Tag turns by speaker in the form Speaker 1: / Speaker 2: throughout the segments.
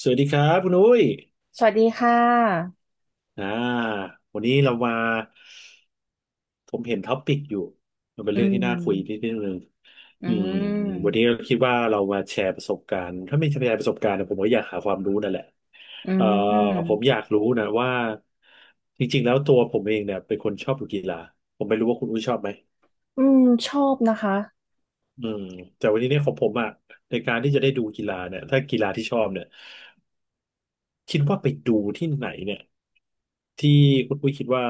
Speaker 1: สวัสดีครับคุณอุ้ย
Speaker 2: สวัสดีค่ะ
Speaker 1: อ่าวันนี้เรามาผมเห็นท็อปิกอยู่มันเป็น
Speaker 2: อื
Speaker 1: เรื่องที่น่าคุยนิด
Speaker 2: ม
Speaker 1: นึง
Speaker 2: อื
Speaker 1: อืมวันนี้
Speaker 2: ม
Speaker 1: เราคิดว่าเรามาแชร์ประสบการณ์ถ้าไม่แชร์ประสบการณ์นะผมก็อยากหาความรู้นั่นแหละ
Speaker 2: อื
Speaker 1: เอ่อผมอ
Speaker 2: ม
Speaker 1: ยากรู้นะว่าจริงๆแล้วตัวผมเองเนี่ยเป็นคนชอบดูกีฬาผมไม่รู้ว่าคุณอุ้ยชอบไหม
Speaker 2: อืมชอบนะคะ
Speaker 1: อืมแต่วันนี้เนี่ยของผมอ่ะในการที่จะได้ดูกีฬาเนี่ยถ้ากีฬาที่ชอบเนี่ยคิดว่าไปดูที่ไหนเนี่ยที่คุณอุ้ยคิดว่า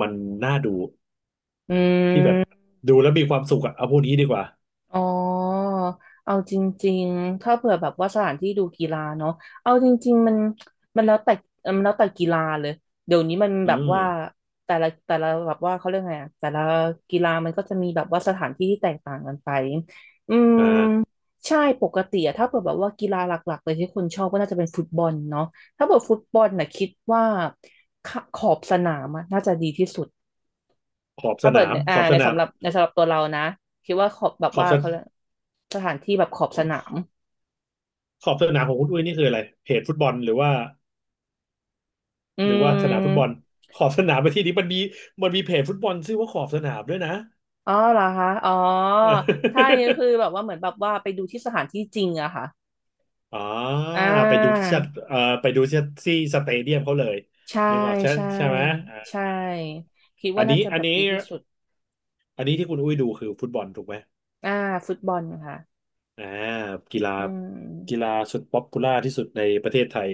Speaker 1: มันน่าดู
Speaker 2: อื
Speaker 1: ที่แบบ
Speaker 2: ม
Speaker 1: ดูแล้วมีความสุขอะเอาพวกนี้ดีกว่า
Speaker 2: อ๋อเอาจริงๆ ถ้าเผื่อแบบว่าสถานที่ดูกีฬาเนาะเอาจริงๆมันแล้วแต่มันแล้วแต่กีฬาเลยเดี๋ยวนี้มัน
Speaker 1: อื
Speaker 2: แบบ
Speaker 1: ม
Speaker 2: ว่าแต่ละแบบว่าเขาเรียกไงอะแต่ละกีฬามันก็จะมีแบบว่าสถานที่ที่แตกต่างกันไปอืม
Speaker 1: อ่า
Speaker 2: ใช่ ปกติอะถ้าเผื่อแบบว่ากีฬาหลักๆเลยที่คนชอบก็น่าจะเป็นฟุตบอลเนาะถ้าเผื่อฟุตบอลน่ะคิดว่าขขอบสนามอะน่าจะดีที่สุด
Speaker 1: ขอบส
Speaker 2: ถ้า
Speaker 1: นา
Speaker 2: เปิด
Speaker 1: ม
Speaker 2: ใน
Speaker 1: ขอบส
Speaker 2: ใน
Speaker 1: นาม
Speaker 2: สำหรับตัวเรานะคิดว่าขอบแบบ
Speaker 1: ขอบ
Speaker 2: ว่า
Speaker 1: สน
Speaker 2: เขาเรียกสถานที่แบบขอบสนาม
Speaker 1: ขอบสนามของคุณอุ้ยนี่คืออะไรเพจฟุตบอลหรือว่า
Speaker 2: อื
Speaker 1: หรือว่าสนามฟุตบอล
Speaker 2: ม
Speaker 1: ขอบสนามไปที่นี้มันมีเพจฟุตบอลชื่อว่าขอบสนามด้วยนะ
Speaker 2: อ๋อเหรอคะอ๋อถ้าอย่างนี้คือแบ บว่าเหมือนแบบว่าไปดูที่สถานที่จริงอะค่ะ
Speaker 1: อ่า
Speaker 2: อ่า
Speaker 1: ไปดูที่ที่สเตเดียมเขาเลย
Speaker 2: ใช่
Speaker 1: นึกออกใช่
Speaker 2: ใช่
Speaker 1: ใช่ไหมอ่า
Speaker 2: ใช่คิด
Speaker 1: อั
Speaker 2: ว่า
Speaker 1: น
Speaker 2: น่า
Speaker 1: นี้
Speaker 2: จะ
Speaker 1: อั
Speaker 2: แบ
Speaker 1: น
Speaker 2: บ
Speaker 1: นี้
Speaker 2: ดีที่สุด
Speaker 1: อันนี้ที่คุณอุ้ยดูคือฟุตบอลถูกไหม
Speaker 2: อ่าฟุตบอลค่ะ
Speaker 1: อ่ากีฬา
Speaker 2: อื
Speaker 1: กี
Speaker 2: ม
Speaker 1: ฬาสุดป๊อปปูล่าที่สุดในประเทศไทย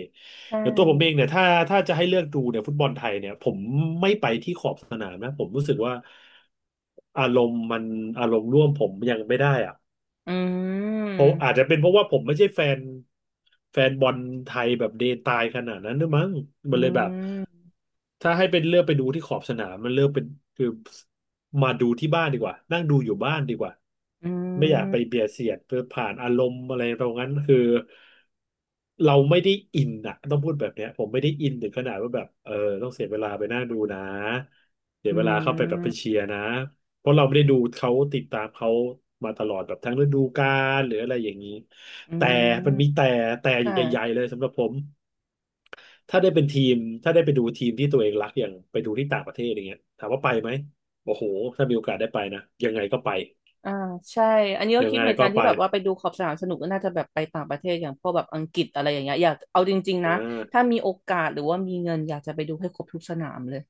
Speaker 2: ใช่
Speaker 1: อย่างตัวผมเองเนี่ยถ้าจะให้เลือกดูเนี่ยฟุตบอลไทยเนี่ยผมไม่ไปที่ขอบสนามนะผมรู้สึกว่าอารมณ์มันอารมณ์ร่วมผมยังไม่ได้อะ
Speaker 2: อื
Speaker 1: เพราะ
Speaker 2: ม
Speaker 1: อาจจะเป็นเพราะว่าผมไม่ใช่แฟนบอลไทยแบบเดตายขนาดนั้นด้วยมั้งมั
Speaker 2: อื
Speaker 1: นเลยแบบ
Speaker 2: ม
Speaker 1: ถ้าให้เป็นเลือกไปดูที่ขอบสนามมันเลือกเป็นคือมาดูที่บ้านดีกว่านั่งดูอยู่บ้านดีกว่า
Speaker 2: อื
Speaker 1: ไม่อยากไป
Speaker 2: ม
Speaker 1: เบียดเสียดเพื่อผ่านอารมณ์อะไรตรงนั้นคือเราไม่ได้อินอะต้องพูดแบบเนี้ยผมไม่ได้อินถึงขนาดว่าแบบเออต้องเสียเวลาไปนั่งดูนะเสีย
Speaker 2: อื
Speaker 1: เวลาเข้าไปแบบไป
Speaker 2: ม
Speaker 1: เชียร์นะ เพราะเราไม่ได้ดูเขาติดตามเขามาตลอดแบบทั้งฤดูกาลหรืออะไรอย่างนี้
Speaker 2: อื
Speaker 1: แต่
Speaker 2: ม
Speaker 1: มันมีแต่แต่
Speaker 2: ค่ะ
Speaker 1: ใหญ่ๆเลยสำหรับผมถ้าได้เป็นทีมถ้าได้ไปดูทีมที่ตัวเองรักอย่างไปดูที่ต่างประเทศอย่างเงี้ยถามว่าไปไหมโอ้โหถ้ามีโอกาสได้ไปนะยังไงก็ไป
Speaker 2: อ่าใช่อันนี้ก็
Speaker 1: ยัง
Speaker 2: คิด
Speaker 1: ไง
Speaker 2: เหมือนกั
Speaker 1: ก็
Speaker 2: นที่
Speaker 1: ไป
Speaker 2: แบบว่าไปดูขอบสนามสนุกก็น่าจะแบบไปต่างประเทศอย่างพวกแบบอังกฤษอะไรอย่างเงี้ยอยากเอาจริงๆ
Speaker 1: อ่
Speaker 2: นะ
Speaker 1: า
Speaker 2: ถ้ามีโอกาสหรือว่ามีเงินอยากจะไปดูให้ครบทุกสนามเลย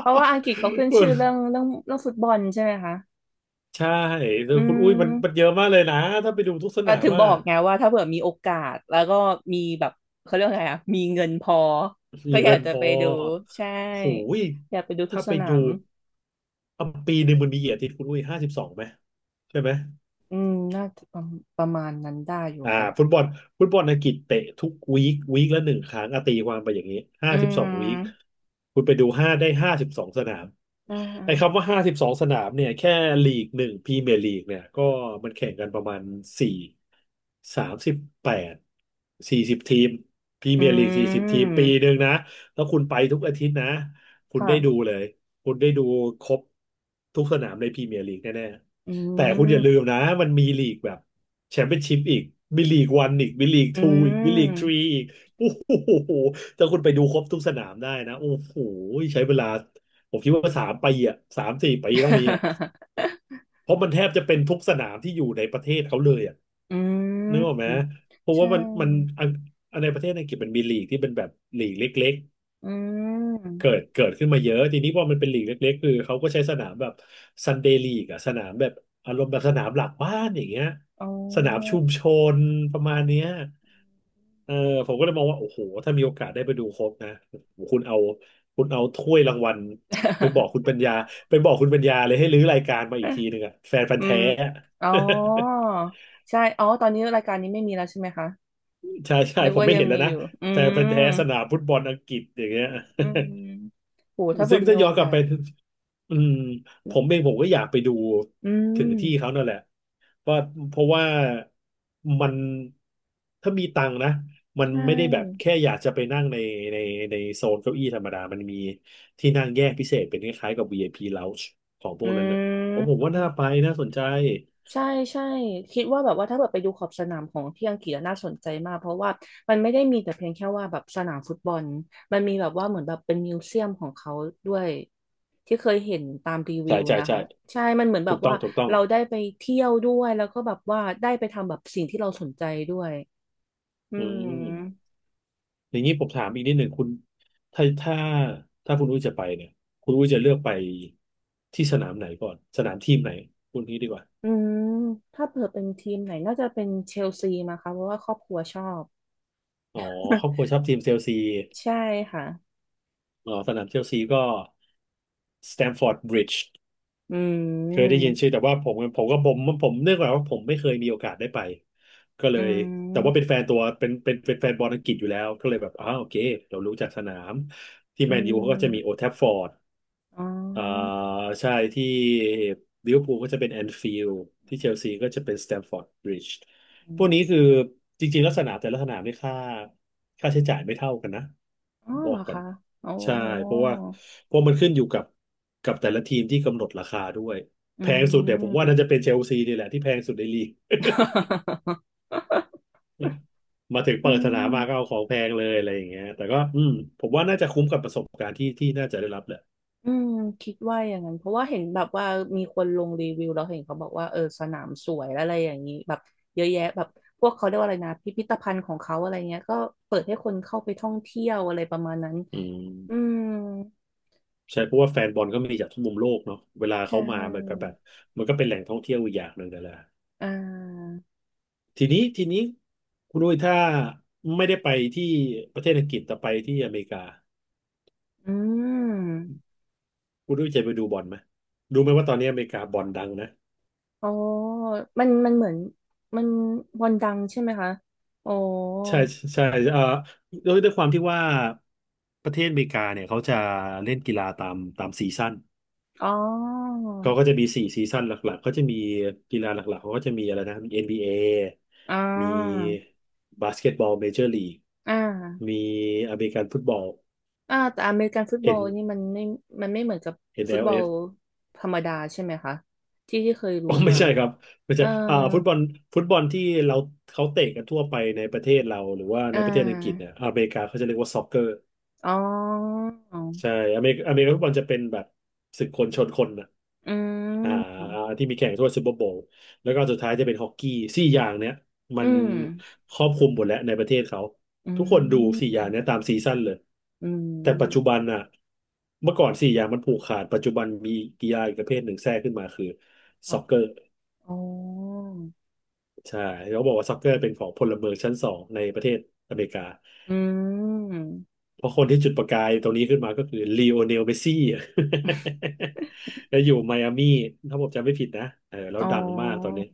Speaker 2: เพราะว่าอังกฤษเขาขึ้นชื่อ เรื่องฟุตบอลใช่ไหมคะ
Speaker 1: ใช่แต่
Speaker 2: อื
Speaker 1: คุณอุ้ยมันเย
Speaker 2: ม
Speaker 1: อะมากเลยนะถ้าไปดูทุกสนาม
Speaker 2: ถึงบ
Speaker 1: อ่ะ
Speaker 2: อกไงว่าถ้าเผื่อมีโอกาสแล้วก็มีแบบเขาเรียกว่าไงอ่ะมีเงินพอ
Speaker 1: มี
Speaker 2: ก็อยา
Speaker 1: เงิ
Speaker 2: ก
Speaker 1: น
Speaker 2: จะ
Speaker 1: พอ
Speaker 2: ไปดูใช่
Speaker 1: โหย
Speaker 2: อยากไปดูทุก
Speaker 1: ถ้า
Speaker 2: ส
Speaker 1: ไป
Speaker 2: นา
Speaker 1: ดู
Speaker 2: ม
Speaker 1: อ่ะปีหนึ่งมันมีกี่อาทิตย์คุณอุ้ยห้าสิบสองไหมใช่ไหม
Speaker 2: อืมน่าจะประมาณนั้นได้อยู่
Speaker 1: อ่า
Speaker 2: ค่ะ
Speaker 1: ฟุตบอลฟุตบอลอังกฤษเตะทุกวีควีคละหนึ่งครั้งอะตีความไปอย่างนี้ห้า
Speaker 2: อื
Speaker 1: สิบสองวีค
Speaker 2: ม
Speaker 1: คุณไปดูห้าสิบสองสนาม
Speaker 2: อ่
Speaker 1: ไอ้คำว่า
Speaker 2: า
Speaker 1: ห้าสิบสองสนามเนี่ยแค่ลีกหนึ่งพรีเมียร์ลีกเนี่ยก็มันแข่งกันประมาณสี่สามสิบแปดสี่สิบทีมพรีเมียร์ลีก
Speaker 2: อื
Speaker 1: สี่สิบทีมปี
Speaker 2: ม
Speaker 1: หนึ่งนะแล้วคุณไปทุกอาทิตย์นะคุณได้
Speaker 2: ค่ะ
Speaker 1: ดูเลยคุณได้ดูครบทุกสนามในพรีเมียร์ลีกแน่
Speaker 2: อื
Speaker 1: ๆแต่คุณอย่าลื
Speaker 2: ม
Speaker 1: มนะมันมีลีกแบบ แชมเปี้ยนชิพอีกบิลีกวันอีกบิลีก
Speaker 2: อื
Speaker 1: ทูอีกบิลีกทรี
Speaker 2: ม
Speaker 1: อีกโอ้โหถ้าคุณไปดูครบทุกสนามได้นะโอ้โหใช้เวลาผมคิดว่า3 ปีอ่ะ3-4 ปีต้องมีอ่ะ เพราะมันแทบจะเป็นทุกสนามที่อยู่ในประเทศเขาเลยอ่ะ
Speaker 2: อื
Speaker 1: นึกออกไหม
Speaker 2: ม
Speaker 1: เพราะ
Speaker 2: ใช
Speaker 1: ว่ามันมัน
Speaker 2: ่
Speaker 1: อันอันในประเทศอังกฤษมันมีลีกที่เป็นแบบลีกเล็ก
Speaker 2: อื
Speaker 1: ๆ
Speaker 2: ม
Speaker 1: เกิดขึ้นมาเยอะทีนี้พอมันเป็นลีกเล็กๆคือเขาก็ใช้สนามแบบซันเดย์ลีกอะสนามแบบอารมณ์แบบสนามหลักบ้านอย่างเงี้ย
Speaker 2: อ๋อ
Speaker 1: สนามชุมชนประมาณเนี้ย เออผมก็เลยมองว่าโอ้โหถ้ามีโอกาสได้ไปดูครบนะโอ้โหคุณเอาถ้วยรางวัลไปบอกคุณปั ญญาไปบอกคุณปัญญาเลยให้รื้อรายการมาอีกทีหนึ่งอะแฟนพัน
Speaker 2: อื
Speaker 1: ธุ์แท้
Speaker 2: ม
Speaker 1: อะ
Speaker 2: อ๋อใช่อ๋อ ตอนนี้รายการนี้ไม่มีแล้วใช่ไหมคะ
Speaker 1: ใช่ใช่
Speaker 2: นึก
Speaker 1: ผม
Speaker 2: ว่า
Speaker 1: ไม่
Speaker 2: ยัง
Speaker 1: เห็นแล้ว
Speaker 2: มีอ
Speaker 1: นะ
Speaker 2: ยู่อื
Speaker 1: แฟนพันธุ์แท้
Speaker 2: ม
Speaker 1: สนามฟุตบอลอังกฤษอย่างเงี้ย
Speaker 2: อืมโหถ้าเกิ
Speaker 1: ซึ่
Speaker 2: ด
Speaker 1: ง
Speaker 2: มี
Speaker 1: ถ้า
Speaker 2: โอ
Speaker 1: ย้อนก
Speaker 2: กา
Speaker 1: ลับ
Speaker 2: ส
Speaker 1: ไปอืมผ
Speaker 2: นะ
Speaker 1: มเองผมก็อยากไปดู
Speaker 2: อื
Speaker 1: ถึง
Speaker 2: ม
Speaker 1: ที่เขานั่นแหละว่าเพราะว่ามันถ้ามีตังค์นะมั
Speaker 2: ใช
Speaker 1: นไม่ได้แบบ
Speaker 2: ่
Speaker 1: แค่อยากจะไปนั่งในในโซนเก้าอี้ธรรมดามันมีที่นั่งแยกพิเศษเป็นคล้ายๆกับ VIP Lounge ของพวกนั้นน่ะ
Speaker 2: อื
Speaker 1: ผมว่าน่าไป
Speaker 2: ม
Speaker 1: น่าสนใจ
Speaker 2: ใช่ใช่คิดว่าแบบว่าถ้าแบบไปดูขอบสนามของที่อังกฤษอะน่าสนใจมากเพราะว่ามันไม่ได้มีแต่เพียงแค่ว่าแบบสนามฟุตบอลมันมีแบบว่าเหมือนแบบเป็นมิวเซียมของเขาด้วยที่เคยเห็นตามรีวิ
Speaker 1: ใช่
Speaker 2: ว
Speaker 1: ใช่
Speaker 2: นะ
Speaker 1: ใช่
Speaker 2: คะใช่มันเหมือนแบ
Speaker 1: ถู
Speaker 2: บ
Speaker 1: กต้อ
Speaker 2: ว่า
Speaker 1: งถูกต้อง
Speaker 2: เราได้ไปเที่ยวด้วยแล้วก็แบบว่าได้ไปทำแบบสิ่งที่เราสนใจด้วยอื
Speaker 1: อื
Speaker 2: ม
Speaker 1: ม อย่างนี้ผมถามอีกนิดหนึ่งคุณถ้าถ้าถ้าคุณอุ้ยจะไปเนี่ยคุณอุ้ยจะเลือกไปที่สนามไหนก่อนสนามทีมไหนคุณนี้ดีกว่า
Speaker 2: อืมถ้าเผื่อเป็นทีมไหนน่าจะเป็นเชลซีมาค่ะเพราะว่าครอบครัวชอบ
Speaker 1: อ๋อครอบครัวชอบทีมเชลซี
Speaker 2: ใช่ค่ะ
Speaker 1: อ๋อสนามเชลซีก็สแตมฟอร์ดบริดจ์
Speaker 2: อื
Speaker 1: เคยได้ยิน
Speaker 2: ม
Speaker 1: ชื่อแต่ว่าผมผมก็ผมผมเนื่องจากว่าผมไม่เคยมีโอกาสได้ไปก็เลย
Speaker 2: อื
Speaker 1: แต่ว่าเป็นแฟนตัวเป็นแฟนบอลอังกฤษอยู่แล้วก็เลยแบบอ้าวโอเคเรารู้จักสนามที่แมนยูเขาก็จะมีโอ
Speaker 2: ม
Speaker 1: d ท f ฟอร์ด
Speaker 2: อ๋อ
Speaker 1: อ่าใช่ที่ลิเวอร์พูลก็จะเป็นแอนฟิลด์ที่เชลซีก็จะเป็นสแตมฟอร์ดบริดจ์พวกนี้คือจริงๆลักษณะแต่ละสนามนี่ค่าค่าใช้จ่ายไม่เท่ากันนะ
Speaker 2: อ๋อ
Speaker 1: บอ
Speaker 2: เหร
Speaker 1: ก
Speaker 2: อ
Speaker 1: ก่อน
Speaker 2: คะ โอ้
Speaker 1: ใช่เพราะว่าเพราะมันขึ้นอยู่กับกับแต่ละทีมที่กำหนดราคาด้วย
Speaker 2: อื
Speaker 1: แพงสุดเนี่ยผมว่า
Speaker 2: ม
Speaker 1: น่าจะเป็นเชลซีนี่แหละที่แพงสุดในลีก
Speaker 2: อืม
Speaker 1: มาถึงเปิดสนามมาก็เอาของแพงเลยอะไรอย่างเงี้ยแต่ก็อืมผมว่าน่าจะคุ้มกับประสบการณ์ที่ที่น่าจะได้รับแหละ
Speaker 2: อืมคิดว่าอย่างนั้นเพราะว่าเห็นแบบว่ามีคนลงรีวิวแล้วเห็นเขาบอกว่าเออสนามสวยอะไรอย่างนี้แบบเยอะแยะแบบพวกเขาเรียกว่าอะไรนะพิพิธภัณฑ์ของเขาอะไรเงี้ยก็เปิดให้คนเข้าไปท่องเที่ยวอะไรประมาณนั้น
Speaker 1: อื
Speaker 2: อื
Speaker 1: ม
Speaker 2: ม
Speaker 1: ใช่เพราะว่าแฟนบอลก็มีจากทุกมุมโลกเนาะเวลาเขา
Speaker 2: ใช่
Speaker 1: มามันก็แบบมันก็เป็นแหล่งท่องเที่ยวอีกอย่างหนึ่งนั่นแหละ
Speaker 2: อ่า
Speaker 1: ทีนี้คุณอุ้ยถ้าไม่ได้ไปที่ประเทศอังกฤษแต่ไปที่อเมริกา
Speaker 2: อืม
Speaker 1: คุณอุ้ยจะไปดูบอลไหมรู้ไหมว่าตอนนี้อเมริกาบอลดังนะ
Speaker 2: อ๋อมันเหมือนมันวันดังใช่ไหมคะอ๋อ
Speaker 1: ใช่ใช่เอ่อด้วยด้วยความที่ว่าประเทศอเมริกาเนี่ยเขาจะเล่นกีฬาตามตามซีซั่น
Speaker 2: อ๋อ
Speaker 1: เขาก็จะมีสี่ซีซั่นหลักๆ เขาจะมีกีฬาหลักๆ เขาก็จะมีอะไรนะมีเอ็นบี b a
Speaker 2: อ่า
Speaker 1: มีบาสเกตบอลเมเจอร์ลีก
Speaker 2: อ่า
Speaker 1: มีอเมริกันฟุตบอล
Speaker 2: อ่าแต่อเมริกันฟุตบอล
Speaker 1: N
Speaker 2: นี่มันไม่ไม่เหมือนกับ
Speaker 1: เอ็ l f
Speaker 2: ฟุ
Speaker 1: อ
Speaker 2: ต
Speaker 1: ล
Speaker 2: บอ
Speaker 1: เอ
Speaker 2: ล
Speaker 1: ฟ
Speaker 2: ธรรมดาใช่ไหมคะที่ที่เคย
Speaker 1: อ๋
Speaker 2: รู้
Speaker 1: อไม่
Speaker 2: มา
Speaker 1: ใช่ครับไม่ใช่
Speaker 2: เอ่า
Speaker 1: อ่าฟุตบอลฟุตบอลที่เราเขาเตะกันทั่วไปในประเทศเราหรือว่าใน
Speaker 2: อ่า
Speaker 1: ประเทศอังกฤษเนี่ยอเมริกาเขาจะเรียกว่าซ็อกเกอร์
Speaker 2: อ๋อ
Speaker 1: ใช่อเมริกาฟุตบอลจะเป็นแบบศึกคนชนคนนะ
Speaker 2: อื
Speaker 1: อ่า
Speaker 2: ม
Speaker 1: ที่มีแข่งทั่วซูเปอร์โบว์แล้วก็สุดท้ายจะเป็นฮอกกี้สี่อย่างเนี้ยมั
Speaker 2: อื
Speaker 1: น
Speaker 2: ม
Speaker 1: ครอบคลุมหมดแล้วในประเทศเขา
Speaker 2: อื
Speaker 1: ทุกคนดูสี่
Speaker 2: ม
Speaker 1: อย่างเนี้ยตามซีซั่นเลย
Speaker 2: อื
Speaker 1: แต่ปัจจุ
Speaker 2: ม
Speaker 1: บันน่ะเมื่อก่อนสี่อย่างมันผูกขาดปัจจุบันมีกีฬาอีกประเภทหนึ่งแทรกขึ้นมาคือ
Speaker 2: ค่ะ
Speaker 1: ซ็อกเกอร์
Speaker 2: อ๋อ
Speaker 1: ใช่เขาบอกว่าซ็อกเกอร์เป็นของพลเมืองชั้นสองในประเทศอเมริกา
Speaker 2: อืม
Speaker 1: เพราะคนที่จุดประกายตรงนี้ขึ้นมาก็คือลีโอเนลเมสซี่ แล้วอยู่ไมอามี่ถ้าผมจำไม่ผิดนะเออแล้ว
Speaker 2: อ๋อ
Speaker 1: ดังมากตอนนี้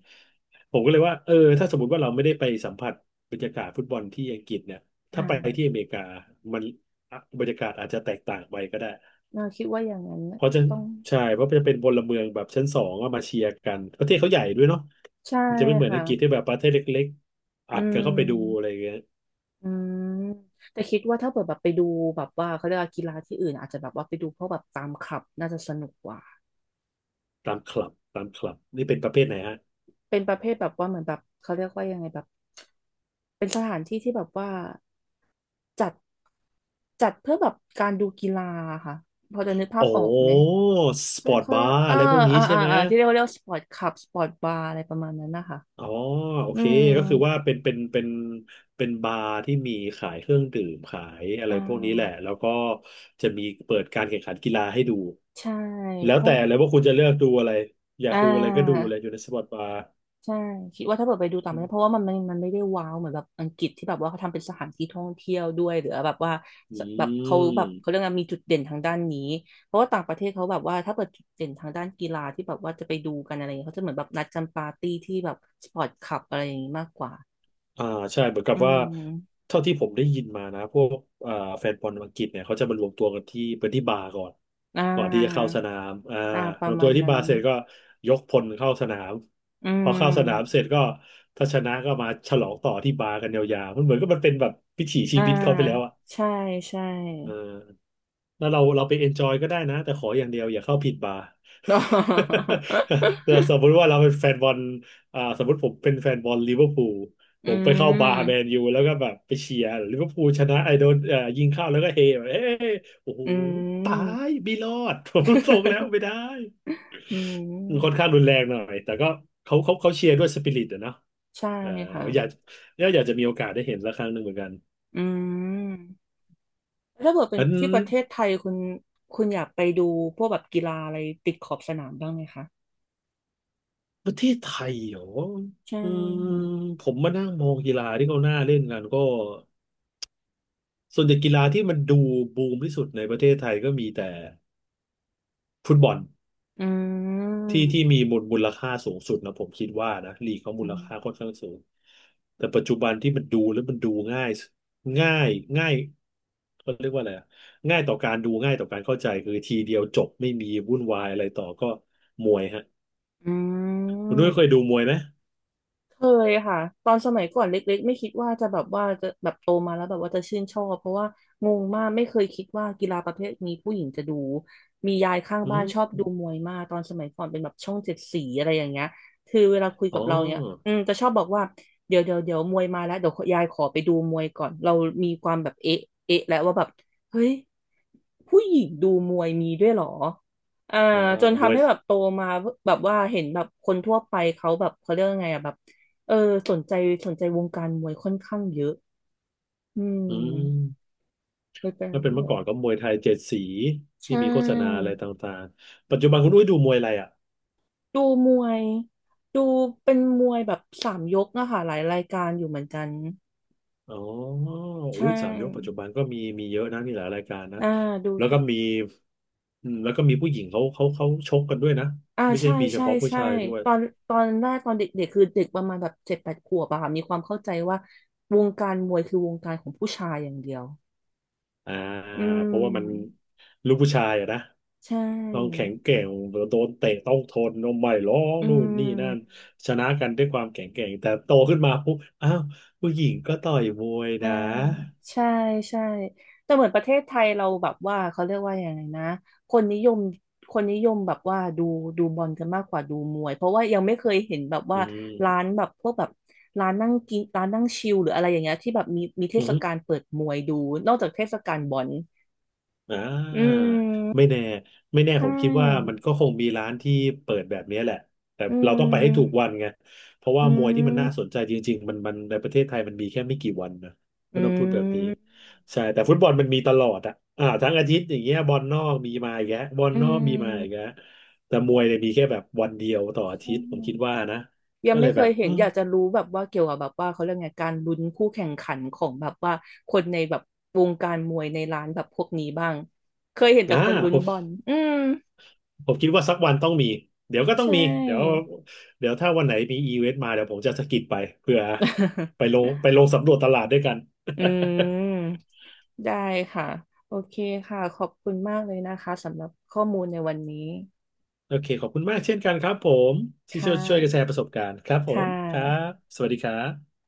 Speaker 1: ผมก็เลยว่าเออถ้าสมมติว่าเราไม่ได้ไปสัมผัสบรรยากาศฟุตบอลที่อังกฤษเนี่ยถ้า
Speaker 2: ค่ะ
Speaker 1: ไปที่อเมริกามันอ่ะบรรยากาศอาจจะแตกต่างไปก็ได้
Speaker 2: เราคิดว่าอย่างนั้น
Speaker 1: เพ
Speaker 2: น่ะ
Speaker 1: ราะจะ
Speaker 2: ต้อง
Speaker 1: ใช่ เพราะจะเป็นพลเมืองแบบชั้นสองก็มาเชียร์กัน ประเทศเขาใหญ่ด้วยเนาะ
Speaker 2: ใช่
Speaker 1: มันจะไม่เหมือนอังกฤษที่
Speaker 2: ค่ะ
Speaker 1: แบบประเทศเล็กๆอั
Speaker 2: อื
Speaker 1: ดกันเข้าไปดูอะไร
Speaker 2: ม
Speaker 1: อย่างเงี้ย
Speaker 2: อืมแต่คิดว่าถ้าเปิดแบบไปดูแบบว่าเขาเรียกว่ากีฬาที่อื่นอาจจะแบบว่าไปดูพวกแบบตามคลับน่าจะสนุกกว่า
Speaker 1: ตามคลับนี่เป็นประเภทไหน
Speaker 2: เป็นประเภทแบบว่าเหมือนแบบเขาเรียกว่ายังไงแบบเป็นสถานที่ที่แบบว่าจัดจัดเพื่อแบบการดูกีฬาค่ะพอจะนึกภาพ
Speaker 1: โอ้
Speaker 2: ออกไหม
Speaker 1: สป
Speaker 2: เขา
Speaker 1: อร์ต
Speaker 2: เขา
Speaker 1: บา
Speaker 2: เรียก
Speaker 1: ร์อะไรพวกนี้ใช่ไหม
Speaker 2: ที่เรียกว่าเรียกสปอร์ตคลับสปอร์ตบาร์อะไรประมาณนั้นนะคะ
Speaker 1: อ๋อ โอ
Speaker 2: อื
Speaker 1: เค
Speaker 2: ม
Speaker 1: ก็คือว่าเป็นบาร์ที่มีขายเครื่องดื่มขายอะไร
Speaker 2: อ่
Speaker 1: พวกนี้แหละ
Speaker 2: า
Speaker 1: แล้วก็จะมีเปิดการแข่งขันกีฬาให้ดู
Speaker 2: ใช่
Speaker 1: แล้
Speaker 2: เพ
Speaker 1: ว
Speaker 2: ราะ
Speaker 1: แต่เลยว่าคุณจะเลือกดูอะไร อยา
Speaker 2: อ่
Speaker 1: กดูอะไรก็ดูเลยอ
Speaker 2: า
Speaker 1: ยู่ในสปอร์ตบาร์
Speaker 2: ใช่คิดว่าถ้าเกิดไปดูต่างป
Speaker 1: อ
Speaker 2: ระเทศเพราะว่ามันไม่ได้ว้าวเหมือนแบบอังกฤษที่แบบว่าเขาทำเป็นสถานที่ท่องเที่ยวด้วยหรือแบบว่า
Speaker 1: ื
Speaker 2: สแบบ
Speaker 1: ม
Speaker 2: เขาเรื่กงมีจุดเด่นทางด้านนี้เพราะว่าต่างประเทศเขาแบบว่าถ้าเกิดจุดเด่นทางด้านกีฬาที่แบบว่าจะไปดูกันอะไรอย่างเงี้ยเขาจะเหมือนแบบนัดกันปาร์ตี้ที่แบบสปอร์ตคลับอะไรอย่างงี้มากกว่า
Speaker 1: อ่าใช่เหมือนกั
Speaker 2: อื
Speaker 1: บว่า
Speaker 2: ม
Speaker 1: เท่าที่ผมได้ยินมานะพวกอ่าแฟนบอลอังกฤษเนี่ยเขาจะมารวมตัวกันที่เป็นที่บาร์ก่อน
Speaker 2: อ่
Speaker 1: ก่อนที่จะเข้า
Speaker 2: า
Speaker 1: สนามอ่า
Speaker 2: อ่าป
Speaker 1: ร
Speaker 2: ระ
Speaker 1: วม
Speaker 2: มา
Speaker 1: ตัว
Speaker 2: ณ
Speaker 1: ที่
Speaker 2: นั้
Speaker 1: บา
Speaker 2: น
Speaker 1: ร์เสร็จก็ยกพลเข้าสนาม
Speaker 2: อื
Speaker 1: พอเข้าสนามเส
Speaker 2: ม
Speaker 1: ร็จก็ถ้าชนะก็มาฉลองต่อที่บาร์กันยาวๆมันเหมือนก็มันเป็นแบบวิถีชี
Speaker 2: อ่า
Speaker 1: วิตเขาไปแล้ว
Speaker 2: ใช่ใช่
Speaker 1: เออแล้วเราไปเอนจอยก็ได้นะแต่ขออย่างเดียวอย่าเข้าผิดบาร์ เราสมมติว่าเราเป็นแฟนบอลอ่าสมมติผมเป็นแฟนบอลลิเวอร์พูลผ
Speaker 2: อื
Speaker 1: มไปเข้า
Speaker 2: ม
Speaker 1: บาร์แมน ยูแล้วก็แบบไปเชียร์ลิเวอร์พูลชนะไอโดนยิงเข้าแล้วก็เฮแบบเอ้ยโอ้โห
Speaker 2: อื
Speaker 1: ตาย
Speaker 2: ม
Speaker 1: ไม่รอด ผมรส่งแล้วไม่ ได้
Speaker 2: อืม
Speaker 1: มันค่อนข้างรุนแรงหน่อยแต่ก็เขาเชียร์ด้วยสปิริตอะเนาะ
Speaker 2: ใช่
Speaker 1: เออ
Speaker 2: ค่ะ
Speaker 1: อยากแล้วอยากจะมีโอกาสได้เห็นละครั้งหนึ่งเหมือนกัน
Speaker 2: อืมแล้วถ้าเกิดเป็น
Speaker 1: งั้น
Speaker 2: ที่ประเทศไทยคุณอยากไปดูพวกแบบกีฬาอะไรติดขอบสนามบ้างไหมคะ
Speaker 1: ประเทศไทยเหรอ
Speaker 2: ใช
Speaker 1: อืม
Speaker 2: ่
Speaker 1: ผมมานั่งมองกีฬาที่เขาหน้าเล่นกันก็ส่วนใหญ่กีฬาที่มันดูบูมที่สุดในประเทศไทยก็มีแต่ฟุตบอล
Speaker 2: อืม
Speaker 1: ที่มีมูลค่าสูงสุดนะผมคิดว่านะลีกเขามู
Speaker 2: อื
Speaker 1: ล
Speaker 2: ม
Speaker 1: ค่าค่อนข้างสูงแต่ปัจจุบันที่มันดูแล้วมันดูง่ายง่ายง่ายเขาเรียกว่าอะไรอะง่ายต่อการดูง่ายต่อการเข้าใจคือทีเดียวจบไม่มีวุ่นวายอะไรต่อก็มวยฮะ
Speaker 2: อื
Speaker 1: คุณด้วยเคย
Speaker 2: ม
Speaker 1: ดูมวยไหม
Speaker 2: เคยค่ะตอนสมัยก่อนเล็กๆไม่คิดว่าจะแบบว่าจะแบบโตมาแล้วแบบว่าจะชื่นชอบเพราะว่างงมากไม่เคยคิดว่ากีฬาประเภทนี้ผู้หญิงจะดู มียายข้าง
Speaker 1: อื
Speaker 2: บ้าน
Speaker 1: ม
Speaker 2: ชอบดูมวยมากตอนสมัยก่อนเป็นแบบช่องเจ็ดสีอะไรอย่างเงี้ยคือเวลาคุย
Speaker 1: อ๋อ
Speaker 2: กับเราเนี้ยอืมจะชอบบอกว่าเดี๋ยวมวยมาแล้วเดี๋ยวยายขอไปดูมวยก่อน เรามีความแบบเอ๊ะแล้วว่าแบบเฮ้ยผู้หญิงดูมวยมีด้วยเหรออ่า
Speaker 1: อ่า
Speaker 2: จน
Speaker 1: ม
Speaker 2: ทำ
Speaker 1: วย
Speaker 2: ให้แบบโตมาแบบว่าเห็นแบบคนทั่วไปเขาแบบเขาเรียกว่าไงอ่ะแบบ เออสนใจสนใจวงการมวยค่อนข้างเยอะอื
Speaker 1: อื
Speaker 2: ม
Speaker 1: ม
Speaker 2: เลยเป็นร
Speaker 1: ถ้าเป็น
Speaker 2: ที่แบ
Speaker 1: เมื่อ
Speaker 2: บ
Speaker 1: ก่อนก็มวยไทยเจ็ดสี
Speaker 2: ใช
Speaker 1: ที่มีโฆษณา
Speaker 2: ่
Speaker 1: อะไรต่างๆปัจจุบันคุณอุ้ยดูมวยอะไรอ่ะ
Speaker 2: ดูมวยดูเป็นมวยแบบสามยกอะค่ะหลายรายการอยู่เหมือนกัน
Speaker 1: อ๋อ
Speaker 2: ใช
Speaker 1: อุ้ยสามยกปัจจุ
Speaker 2: ่
Speaker 1: บันก็มีมีเยอะนะมีหลายรายการนะ
Speaker 2: อ่าดู
Speaker 1: แล้ว
Speaker 2: ทุ
Speaker 1: ก็
Speaker 2: ก
Speaker 1: มีอืมแล้วก็มีผู้หญิงเขาชกกันด้วยนะ
Speaker 2: อ่า
Speaker 1: ไม่ใช่
Speaker 2: ใช่
Speaker 1: มีเฉ
Speaker 2: ใช่
Speaker 1: พาะผู้
Speaker 2: ใช่
Speaker 1: ชายด้วย
Speaker 2: ตอนตอนแรกตอนเด็กๆคือเด็กประมาณแบบเจ็ดแปดขวบอะค่ะมีความเข้าใจว่าวงการมวยคือวงการของผู้ชายอย่างเดียว
Speaker 1: อ่า
Speaker 2: อื
Speaker 1: เพราะว่ามัน
Speaker 2: ม
Speaker 1: ลูกผู้ชายอะนะ
Speaker 2: ใช
Speaker 1: ต้องแข็
Speaker 2: ่
Speaker 1: งแกร่งโดนเตะต้องทนนมไม่ร้อง
Speaker 2: อื
Speaker 1: นู่นนี่นั่น
Speaker 2: ม
Speaker 1: ชนะกันด้วยความแข็งแกร่งแต่โตขึ้นมาปุ๊บอ้าวผู้หญิงก็ต่อยมวย
Speaker 2: อ่า
Speaker 1: นะ
Speaker 2: ใช่ใช่แต่เหมือนประเทศไทยเราแบบว่าเขาเรียกว่าอย่างไงนะคนนิยมคนนิยมแบบว่าดูบอลกันมากกว่าดูมวยเพราะว่ายังไม่เคยเห็นแบบ
Speaker 1: อื
Speaker 2: ว่าร้า
Speaker 1: ม
Speaker 2: นแบบพวกแบบร้านนั่งกินร้านนั่งชิลหรืออะไรอย่างเงี้ยที่แบบมีเท
Speaker 1: อื
Speaker 2: ศ
Speaker 1: ม
Speaker 2: กาลเปิดมวยดูนอกจากเทศกาลบอล
Speaker 1: อ่
Speaker 2: อื
Speaker 1: าไม่
Speaker 2: ม
Speaker 1: แน่ไม่แน่
Speaker 2: ใช
Speaker 1: ผมคิดว่ามั
Speaker 2: ่
Speaker 1: นก็คงมีร้านที่เปิดแบบนี้แหละ แต่
Speaker 2: อื
Speaker 1: เราต้องไปให้ถูก
Speaker 2: ม
Speaker 1: วันไงเพราะว่า
Speaker 2: อื
Speaker 1: มวยที่มัน
Speaker 2: ม
Speaker 1: น่าสนใจจริงๆมันมันในประเทศไทยมันมีแค่ไม่กี่วันนะ
Speaker 2: อื
Speaker 1: ก็ต้องพูดแบบนี้
Speaker 2: ม
Speaker 1: ใช่แต่ฟุตบอลมันมีตลอดอ่ะอ่าทั้งอาทิตย์อย่างเงี้ยบอลนอกมีมาอีกแล้วบอล
Speaker 2: อื
Speaker 1: นอกมีมาอีก
Speaker 2: ม
Speaker 1: แล้วแต่มวยเนี่ยมีแค่แบบวันเดียวต่ออา
Speaker 2: ใช่
Speaker 1: ทิตย์ผมคิดว่านะ
Speaker 2: ยัง
Speaker 1: ก็เล
Speaker 2: ไม่
Speaker 1: ย
Speaker 2: เค
Speaker 1: แบ
Speaker 2: ย
Speaker 1: บ
Speaker 2: เห็
Speaker 1: อื
Speaker 2: น
Speaker 1: ม
Speaker 2: อยากจะรู้แบบว่าเกี่ยวกับแบบว่าเขาเรียกไงการลุ้นคู่แข่งขันของแบบว่าคนในแบบวงการมวยในร้านแบบพวกนี้บ้างเคยเห็นแต่
Speaker 1: อ่
Speaker 2: คนลุ้นบอล
Speaker 1: า
Speaker 2: อืม
Speaker 1: ผมคิดว่าสักวันต้องมี เดี๋ยวก็ต้อง
Speaker 2: ใช
Speaker 1: มี เดี๋ยว
Speaker 2: ่
Speaker 1: เดี๋ยวถ้าวันไหนมีอีเวนต์มาเดี๋ยวผมจะสะกิดไปเพื่อไปลงสำรวจตลาดด้วยกัน
Speaker 2: อื มได้ค่ะโอเคค่ะขอบคุณมากเลยนะคะสำหรับข้อมูลในวันนี้
Speaker 1: โอเคขอบคุณมากเช่นกันครับผมที่
Speaker 2: ค่
Speaker 1: ช่วยกันแช
Speaker 2: ะ
Speaker 1: ร์ประสบการณ์ครับผ
Speaker 2: ค่
Speaker 1: มครั
Speaker 2: ะ
Speaker 1: บสวัสดีครับ